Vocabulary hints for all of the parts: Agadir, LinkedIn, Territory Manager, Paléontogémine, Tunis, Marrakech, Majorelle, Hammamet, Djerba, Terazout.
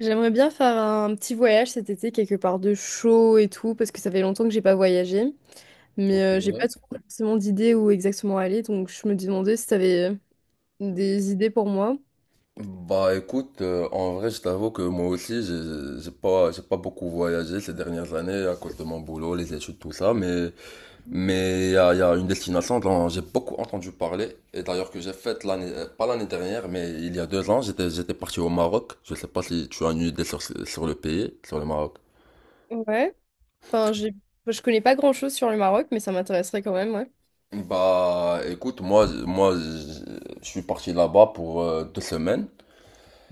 J'aimerais bien faire un petit voyage cet été, quelque part de chaud et tout, parce que ça fait longtemps que j'ai pas voyagé. Mais Ok. euh, j'ai pas trop forcément d'idées où exactement aller, donc je me demandais si t'avais des idées pour moi. Bah écoute, en vrai, je t'avoue que moi aussi, j'ai pas beaucoup voyagé ces dernières années à cause de mon boulot, les études, tout ça, mais il y a une destination dont j'ai beaucoup entendu parler, et d'ailleurs que j'ai faite l'année, pas l'année dernière, mais il y a 2 ans, j'étais parti au Maroc. Je sais pas si tu as une idée sur le pays, sur le Maroc. Ouais. Enfin, j'ai... enfin, je connais pas grand-chose sur le Maroc, mais ça m'intéresserait quand même, ouais. Bah écoute, moi, je suis parti là-bas pour 2 semaines.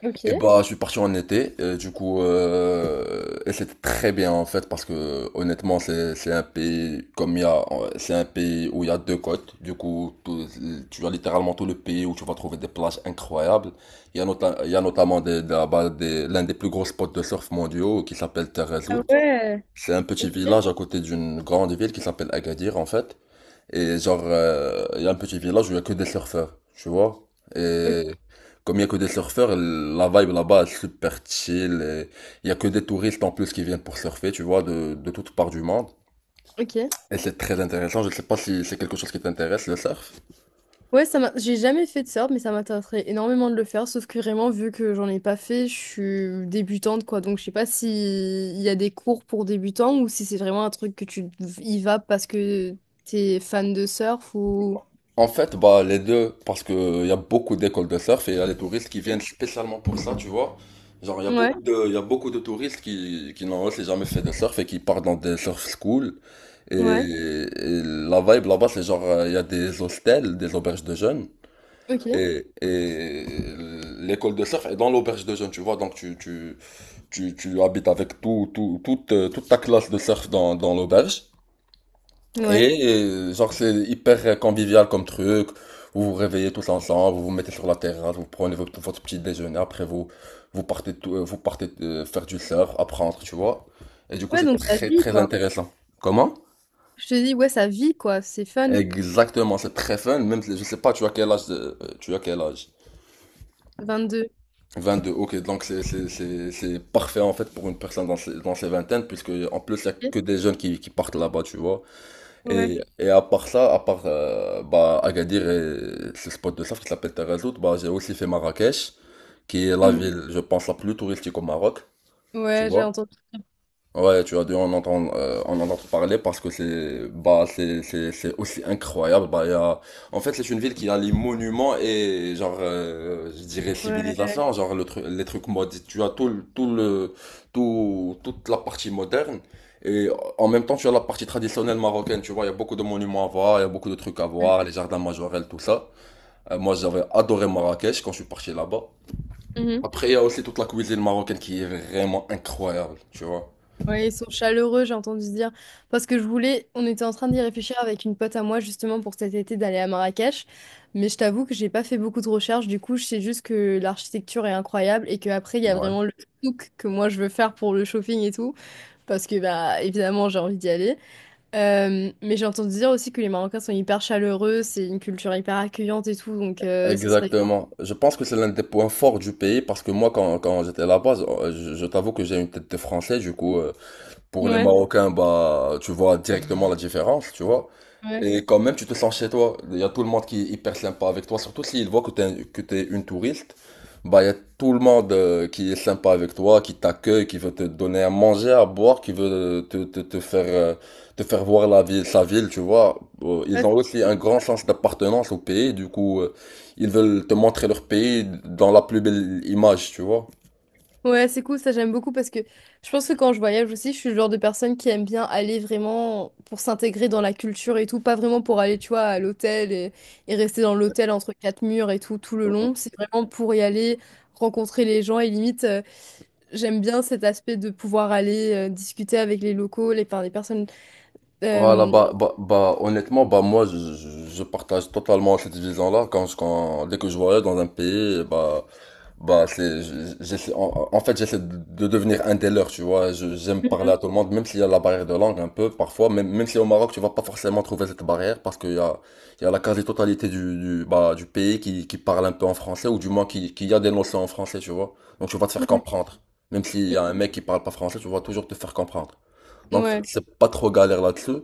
Ok. Et bah, je suis parti en été, et du coup, et c'était très bien en fait, parce que honnêtement, c'est un pays comme il y a, c'est un pays où il y a deux côtes. Du coup, tu as littéralement tout le pays où tu vas trouver des plages incroyables. Il y a notamment, là-bas, l'un des plus gros spots de surf mondiaux qui s'appelle Terre. Ah ouais. C'est un petit village à côté d'une grande ville qui s'appelle Agadir en fait. Et genre, il y a un petit village où il y a que des surfeurs, tu vois. Ok. Et comme il y a que des surfeurs, la vibe là-bas est super chill, il y a que des touristes en plus qui viennent pour surfer, tu vois, de toutes parts du monde. Ok. Et c'est très intéressant. Je ne sais pas si c'est quelque chose qui t'intéresse, le surf. J'ai jamais fait de surf, mais ça m'intéresserait énormément de le faire. Sauf que vraiment, vu que j'en ai pas fait, je suis débutante, quoi. Donc, je sais pas si il y a des cours pour débutants ou si c'est vraiment un truc que tu y vas parce que t'es fan de surf ou. En fait, bah, les deux, parce que il y a beaucoup d'écoles de surf et il y a les touristes qui viennent spécialement pour ça, tu vois. Genre, il y a Ouais, beaucoup de, il y a beaucoup de touristes qui n'ont aussi jamais fait de surf et qui partent dans des surf schools. Et, ouais, et la vibe là-bas, c'est genre, il y a des hostels, des auberges de jeunes. ok, Et l'école de surf est dans l'auberge de jeunes, tu vois. Donc, tu habites avec toute ta classe de surf dans l'auberge. ouais. Et genre, c'est hyper convivial comme truc. Vous vous réveillez tous ensemble, vous vous mettez sur la terrasse, vous prenez votre petit déjeuner. Après, vous partez faire du surf, apprendre, tu vois. Et du coup, Ouais, c'est donc ça très, vit, très quoi. intéressant. Comment? Je te dis, ouais, ça vit, quoi. C'est fun. Exactement, c'est très fun, même si- je sais pas, tu as quel âge? 22. 22, ok, donc c'est parfait en fait pour une personne dans ses vingtaines, puisque en plus il y a Ok. que des jeunes qui partent là-bas, tu vois. Ouais. Et à part ça, à part bah, Agadir et ce spot de surf qui s'appelle Terazout, bah, j'ai aussi fait Marrakech, qui est la Mhm. ville, je pense, la plus touristique au Maroc, tu Ouais, j'ai vois. entendu. Ouais, tu as dû en entendre parler parce que c'est aussi incroyable. Bah il y a, en fait c'est une ville qui a les monuments et genre je dirais Ouais. civilisation, genre les trucs modernes. Tu as tout le- tout le tout toute la partie moderne et en même temps tu as la partie traditionnelle marocaine. Tu vois, il y a beaucoup de monuments à voir, il y a beaucoup de trucs à voir, les jardins majorels, tout ça. Moi j'avais adoré Marrakech quand je suis parti là-bas. Mhm. Après il y a aussi toute la cuisine marocaine qui est vraiment incroyable, tu vois. Ouais, ils sont chaleureux, j'ai entendu dire. Parce que je voulais, on était en train d'y réfléchir avec une pote à moi justement pour cet été d'aller à Marrakech. Mais je t'avoue que j'ai pas fait beaucoup de recherches. Du coup, je sais juste que l'architecture est incroyable et qu'après, il y a Ouais. vraiment le souk que moi je veux faire pour le shopping et tout. Parce que, bah, évidemment, j'ai envie d'y aller. Mais j'ai entendu dire aussi que les Marocains sont hyper chaleureux, c'est une culture hyper accueillante et tout. Donc, ça serait. Exactement. Je pense que c'est l'un des points forts du pays parce que moi, quand j'étais là-bas, je t'avoue que j'ai une tête de français, du coup, pour les Ouais, Marocains, bah, tu vois directement la différence, tu vois. ouais. Et quand même, tu te sens chez toi. Il y a tout le monde qui est hyper sympa avec toi, surtout s'ils voient que tu es, que t'es une touriste. Bah, il y a tout le monde qui est sympa avec toi, qui t'accueille, qui veut te donner à manger, à boire, qui veut te faire voir la ville, sa ville, tu vois. Ils ont aussi un grand sens d'appartenance au pays, du coup, ils veulent te montrer leur pays dans la plus belle image, tu vois. Ouais, c'est cool, ça j'aime beaucoup parce que je pense que quand je voyage aussi, je suis le genre de personne qui aime bien aller vraiment pour s'intégrer dans la culture et tout, pas vraiment pour aller, tu vois, à l'hôtel et rester dans l'hôtel entre quatre murs et tout, tout le long. C'est vraiment pour y aller, rencontrer les gens et limite, j'aime bien cet aspect de pouvoir aller discuter avec les locaux, les, enfin, les personnes. Voilà, euh, bah, honnêtement, bah, moi, je partage totalement cette vision-là. Dès que je voyage dans un pays, bah, bah, c'est, je- j'essaie, en, en fait, j'essaie de devenir un des leurs, tu vois. Je- J'aime parler à tout le monde, même s'il y a la barrière de langue un peu, parfois. Même si au Maroc, tu vas pas forcément trouver cette barrière parce qu'il y a la quasi-totalité du pays qui parle un peu en français ou du moins qui a des notions en français, tu vois. Donc, tu vas te faire Mhm. comprendre. Même s'il y a un mec qui parle pas français, tu vas toujours te faire comprendre. Donc, Ouais. c'est pas trop galère là-dessus.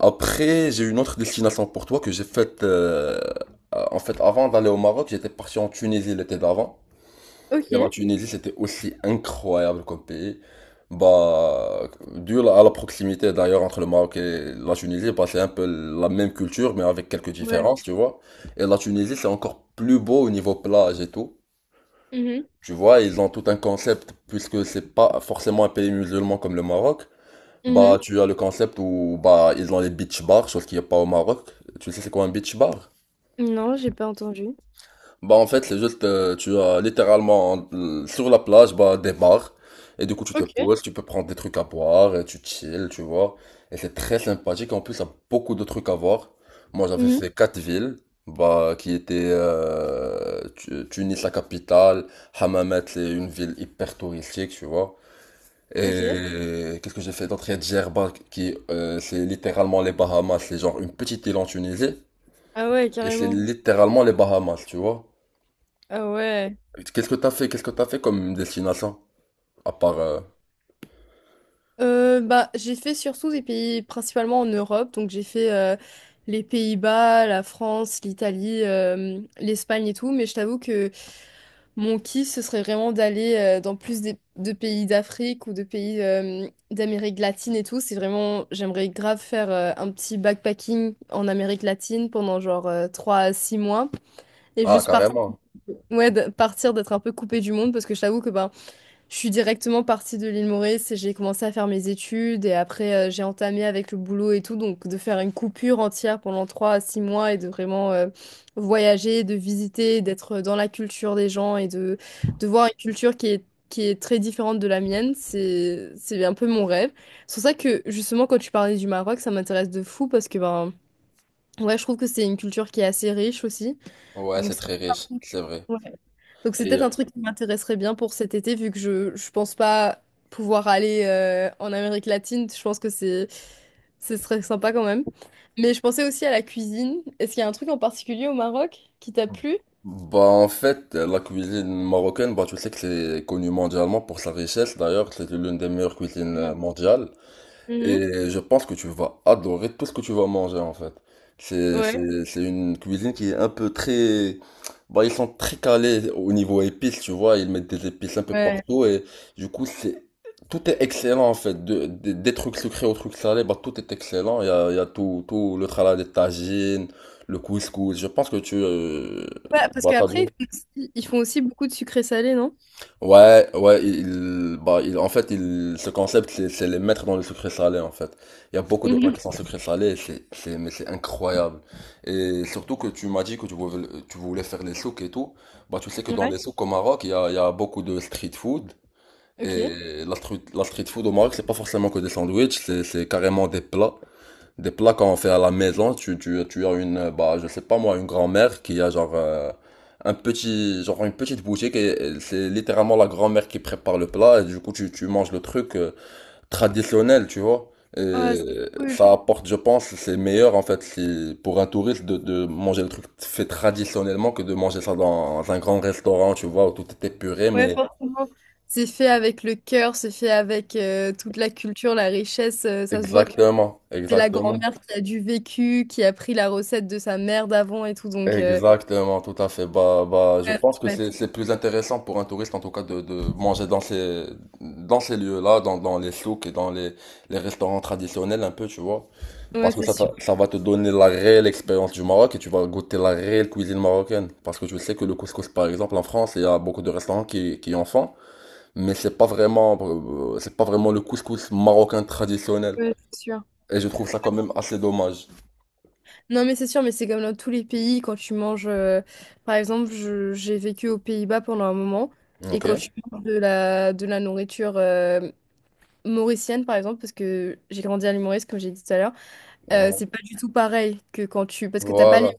Après, j'ai une autre destination pour toi que j'ai faite. En fait, avant d'aller au Maroc, j'étais parti en Tunisie l'été d'avant. Et la Ok. Tunisie, c'était aussi incroyable comme pays. Bah, dû à la proximité d'ailleurs entre le Maroc et la Tunisie, bah, c'est un peu la même culture, mais avec quelques Ouais. différences, tu vois. Et la Tunisie, c'est encore plus beau au niveau plage et tout. Mhm. Tu vois, ils ont tout un concept, puisque c'est pas forcément un pays musulman comme le Maroc. Bah, Mhm. tu as le concept où bah, ils ont les beach bars, chose qu'il n'y a pas au Maroc. Tu sais, c'est quoi un beach bar? Non, j'ai pas entendu. Bah, en fait, c'est juste, tu as littéralement sur la plage bah, des bars. Et du coup, tu te Ok. poses, tu peux prendre des trucs à boire, et tu chill, tu vois. Et c'est très sympathique. En plus, il y a beaucoup de trucs à voir. Moi, j'avais Mhm. fait quatre villes, bah, qui étaient Tunis, la capitale. Hammamet, c'est une ville hyper touristique, tu vois. Ok. Et qu'est-ce que j'ai fait d'autre? Il y a Djerba, c'est littéralement les Bahamas. C'est genre une petite île en Tunisie. Ah ouais, Et c'est carrément. littéralement les Bahamas, tu vois. Ah ouais. Qu'est-ce que t'as fait? Qu'est-ce que t'as fait comme destination? À part, Bah, j'ai fait surtout des pays principalement en Europe, donc j'ai fait les Pays-Bas, la France, l'Italie, l'Espagne et tout, mais je t'avoue que mon kiff, ce serait vraiment d'aller dans de pays d'Afrique ou de pays d'Amérique latine et tout. C'est vraiment, j'aimerais grave faire un petit backpacking en Amérique latine pendant genre 3 à 6 mois et Ah, carrément. ouais, partir d'être un peu coupé du monde parce que je t'avoue que bah, je suis directement partie de l'île Maurice et j'ai commencé à faire mes études et après j'ai entamé avec le boulot et tout, donc de faire une coupure entière pendant 3 à 6 mois et de vraiment voyager, de visiter, d'être dans la culture des gens et de voir une culture qui est très différente de la mienne, c'est un peu mon rêve. C'est pour ça que justement quand tu parlais du Maroc, ça m'intéresse de fou parce que ben ouais, je trouve que c'est une culture qui est assez riche aussi, Ouais, donc c'est très riche, c'est vrai. donc c'est Et peut-être un truc qui m'intéresserait bien pour cet été, vu que je pense pas pouvoir aller en Amérique latine. Je pense que c'est ce serait sympa quand même. Mais je pensais aussi à la cuisine. Est-ce qu'il y a un truc en particulier au Maroc qui t'a plu? bah en fait, la cuisine marocaine, bah tu sais que c'est connu mondialement pour sa richesse. D'ailleurs, c'est l'une des meilleures cuisines Non. mondiales. Mhm. Et je pense que tu vas adorer tout ce que tu vas manger en fait. Ouais. C'est une cuisine qui est un peu très... Bah, ils sont très calés au niveau épices, tu vois. Ils mettent des épices un peu Ouais. partout et du coup, c'est... Tout est excellent en fait. Des trucs sucrés aux trucs salés, bah, tout est excellent. Il y a tout, tout le tralala des tagines, le couscous. Je pense que tu... Ouais, parce Bah, qu'après, ils font aussi beaucoup de sucré salé, non? Ouais, ouais, il, bah, il, en fait, il, ce concept, c'est les mettre dans le sucré salé, en fait. Il y a beaucoup de plats Mhm. qui sont sucré salé, mais c'est incroyable. Et surtout que tu m'as dit que tu voulais faire les souks et tout. Bah, tu sais que dans Ouais. les souks au Maroc, il y a beaucoup de street food. Ok. Et la street food au Maroc, c'est pas forcément que des sandwichs, c'est carrément des plats. Des plats qu'on fait à la maison, tu as une, bah, je sais pas moi, une grand-mère qui a genre un petit, genre une petite boutique et c'est littéralement la grand-mère qui prépare le plat et du coup tu manges le truc traditionnel, tu vois. Ah, Et c'est cool. ça apporte, je pense, c'est meilleur en fait si, pour un touriste de manger le truc fait traditionnellement que de manger ça dans un grand restaurant, tu vois, où tout est épuré, Ouais, mais forcément. C'est fait avec le cœur, c'est fait avec toute la culture, la richesse. Ça se voit que exactement, c'est la exactement. grand-mère qui a du vécu, qui a pris la recette de sa mère d'avant et tout, donc... Exactement, tout à fait. Bah, bah, je ouais, ça pense que va être- c'est plus intéressant pour un touriste, en tout cas, de manger dans ces lieux-là, dans les souks et dans les restaurants traditionnels, un peu, tu vois. ouais, Parce que c'est sûr. Ça va te donner la réelle expérience du Maroc et tu vas goûter la réelle cuisine marocaine. Parce que je sais que le couscous, par exemple, en France, il y a beaucoup de restaurants qui en font, mais c'est pas vraiment le couscous marocain traditionnel. Ouais, c'est sûr. Et je trouve ça quand même assez dommage. Non, mais c'est sûr, mais c'est comme dans tous les pays, quand tu manges... Par exemple, j'ai vécu aux Pays-Bas pendant un moment, et Ok. quand tu manges de la nourriture mauricienne, par exemple, parce que j'ai grandi à l'île Maurice, comme j'ai dit tout à l'heure, c'est pas du tout pareil que quand tu... Parce que t'as pas Voilà. les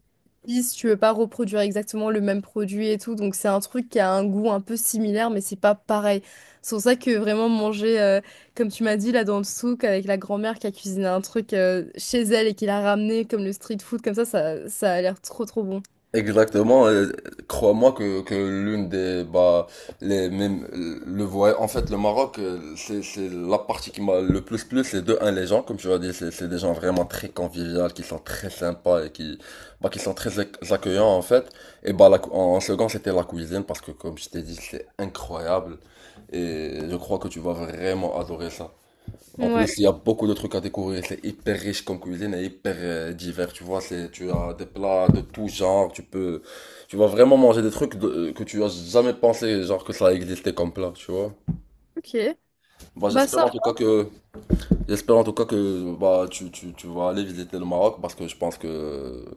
si tu veux pas reproduire exactement le même produit et tout, donc c'est un truc qui a un goût un peu similaire, mais c'est pas pareil. C'est pour ça que vraiment manger, comme tu m'as dit là dans le souk avec la grand-mère qui a cuisiné un truc chez elle et qui l'a ramené comme le street food, comme ça a l'air trop trop bon. Exactement, crois-moi que l'une des bah les même le voyage en fait le Maroc c'est la partie qui m'a le plus plu c'est de un les gens comme tu as dit c'est des gens vraiment très conviviaux qui sont très sympas et qui bah qui sont très accueillants en fait et bah la cou- en second c'était la cuisine parce que comme je t'ai dit c'est incroyable et je crois que tu vas vraiment adorer ça. En Ouais, plus, il y a beaucoup de trucs à découvrir. C'est hyper riche comme cuisine et hyper divers. Tu vois, c'est, tu as des plats de tout genre. Tu peux, tu vas vraiment manger que tu as jamais pensé, genre que ça existait comme plat. Tu vois. ok. Bah, Bah ça, j'espère en tout cas que, bah, tu vas aller visiter le Maroc parce que je pense que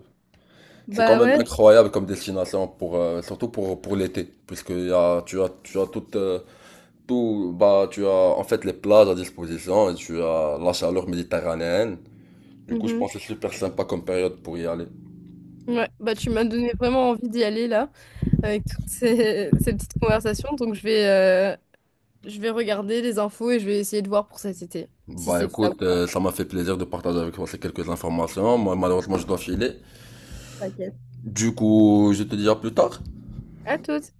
c'est quand bah même ouais. incroyable comme destination pour, surtout pour l'été, puisque il y a, tu as toute, tout, bah, tu as en fait les plages à disposition et tu as la chaleur méditerranéenne. Du coup, je Mhm. pense que c'est super sympa comme période pour y aller. Ouais, bah tu m'as donné vraiment envie d'y aller là, avec toutes ces, ces petites conversations, donc je vais regarder les infos et je vais essayer de voir pour cet été, si Bah c'est ça ou écoute, pas. Ça m'a fait plaisir de partager avec toi ces quelques informations. Moi, malheureusement, je dois filer. Ok. Du coup, je te dirai plus tard. À toutes.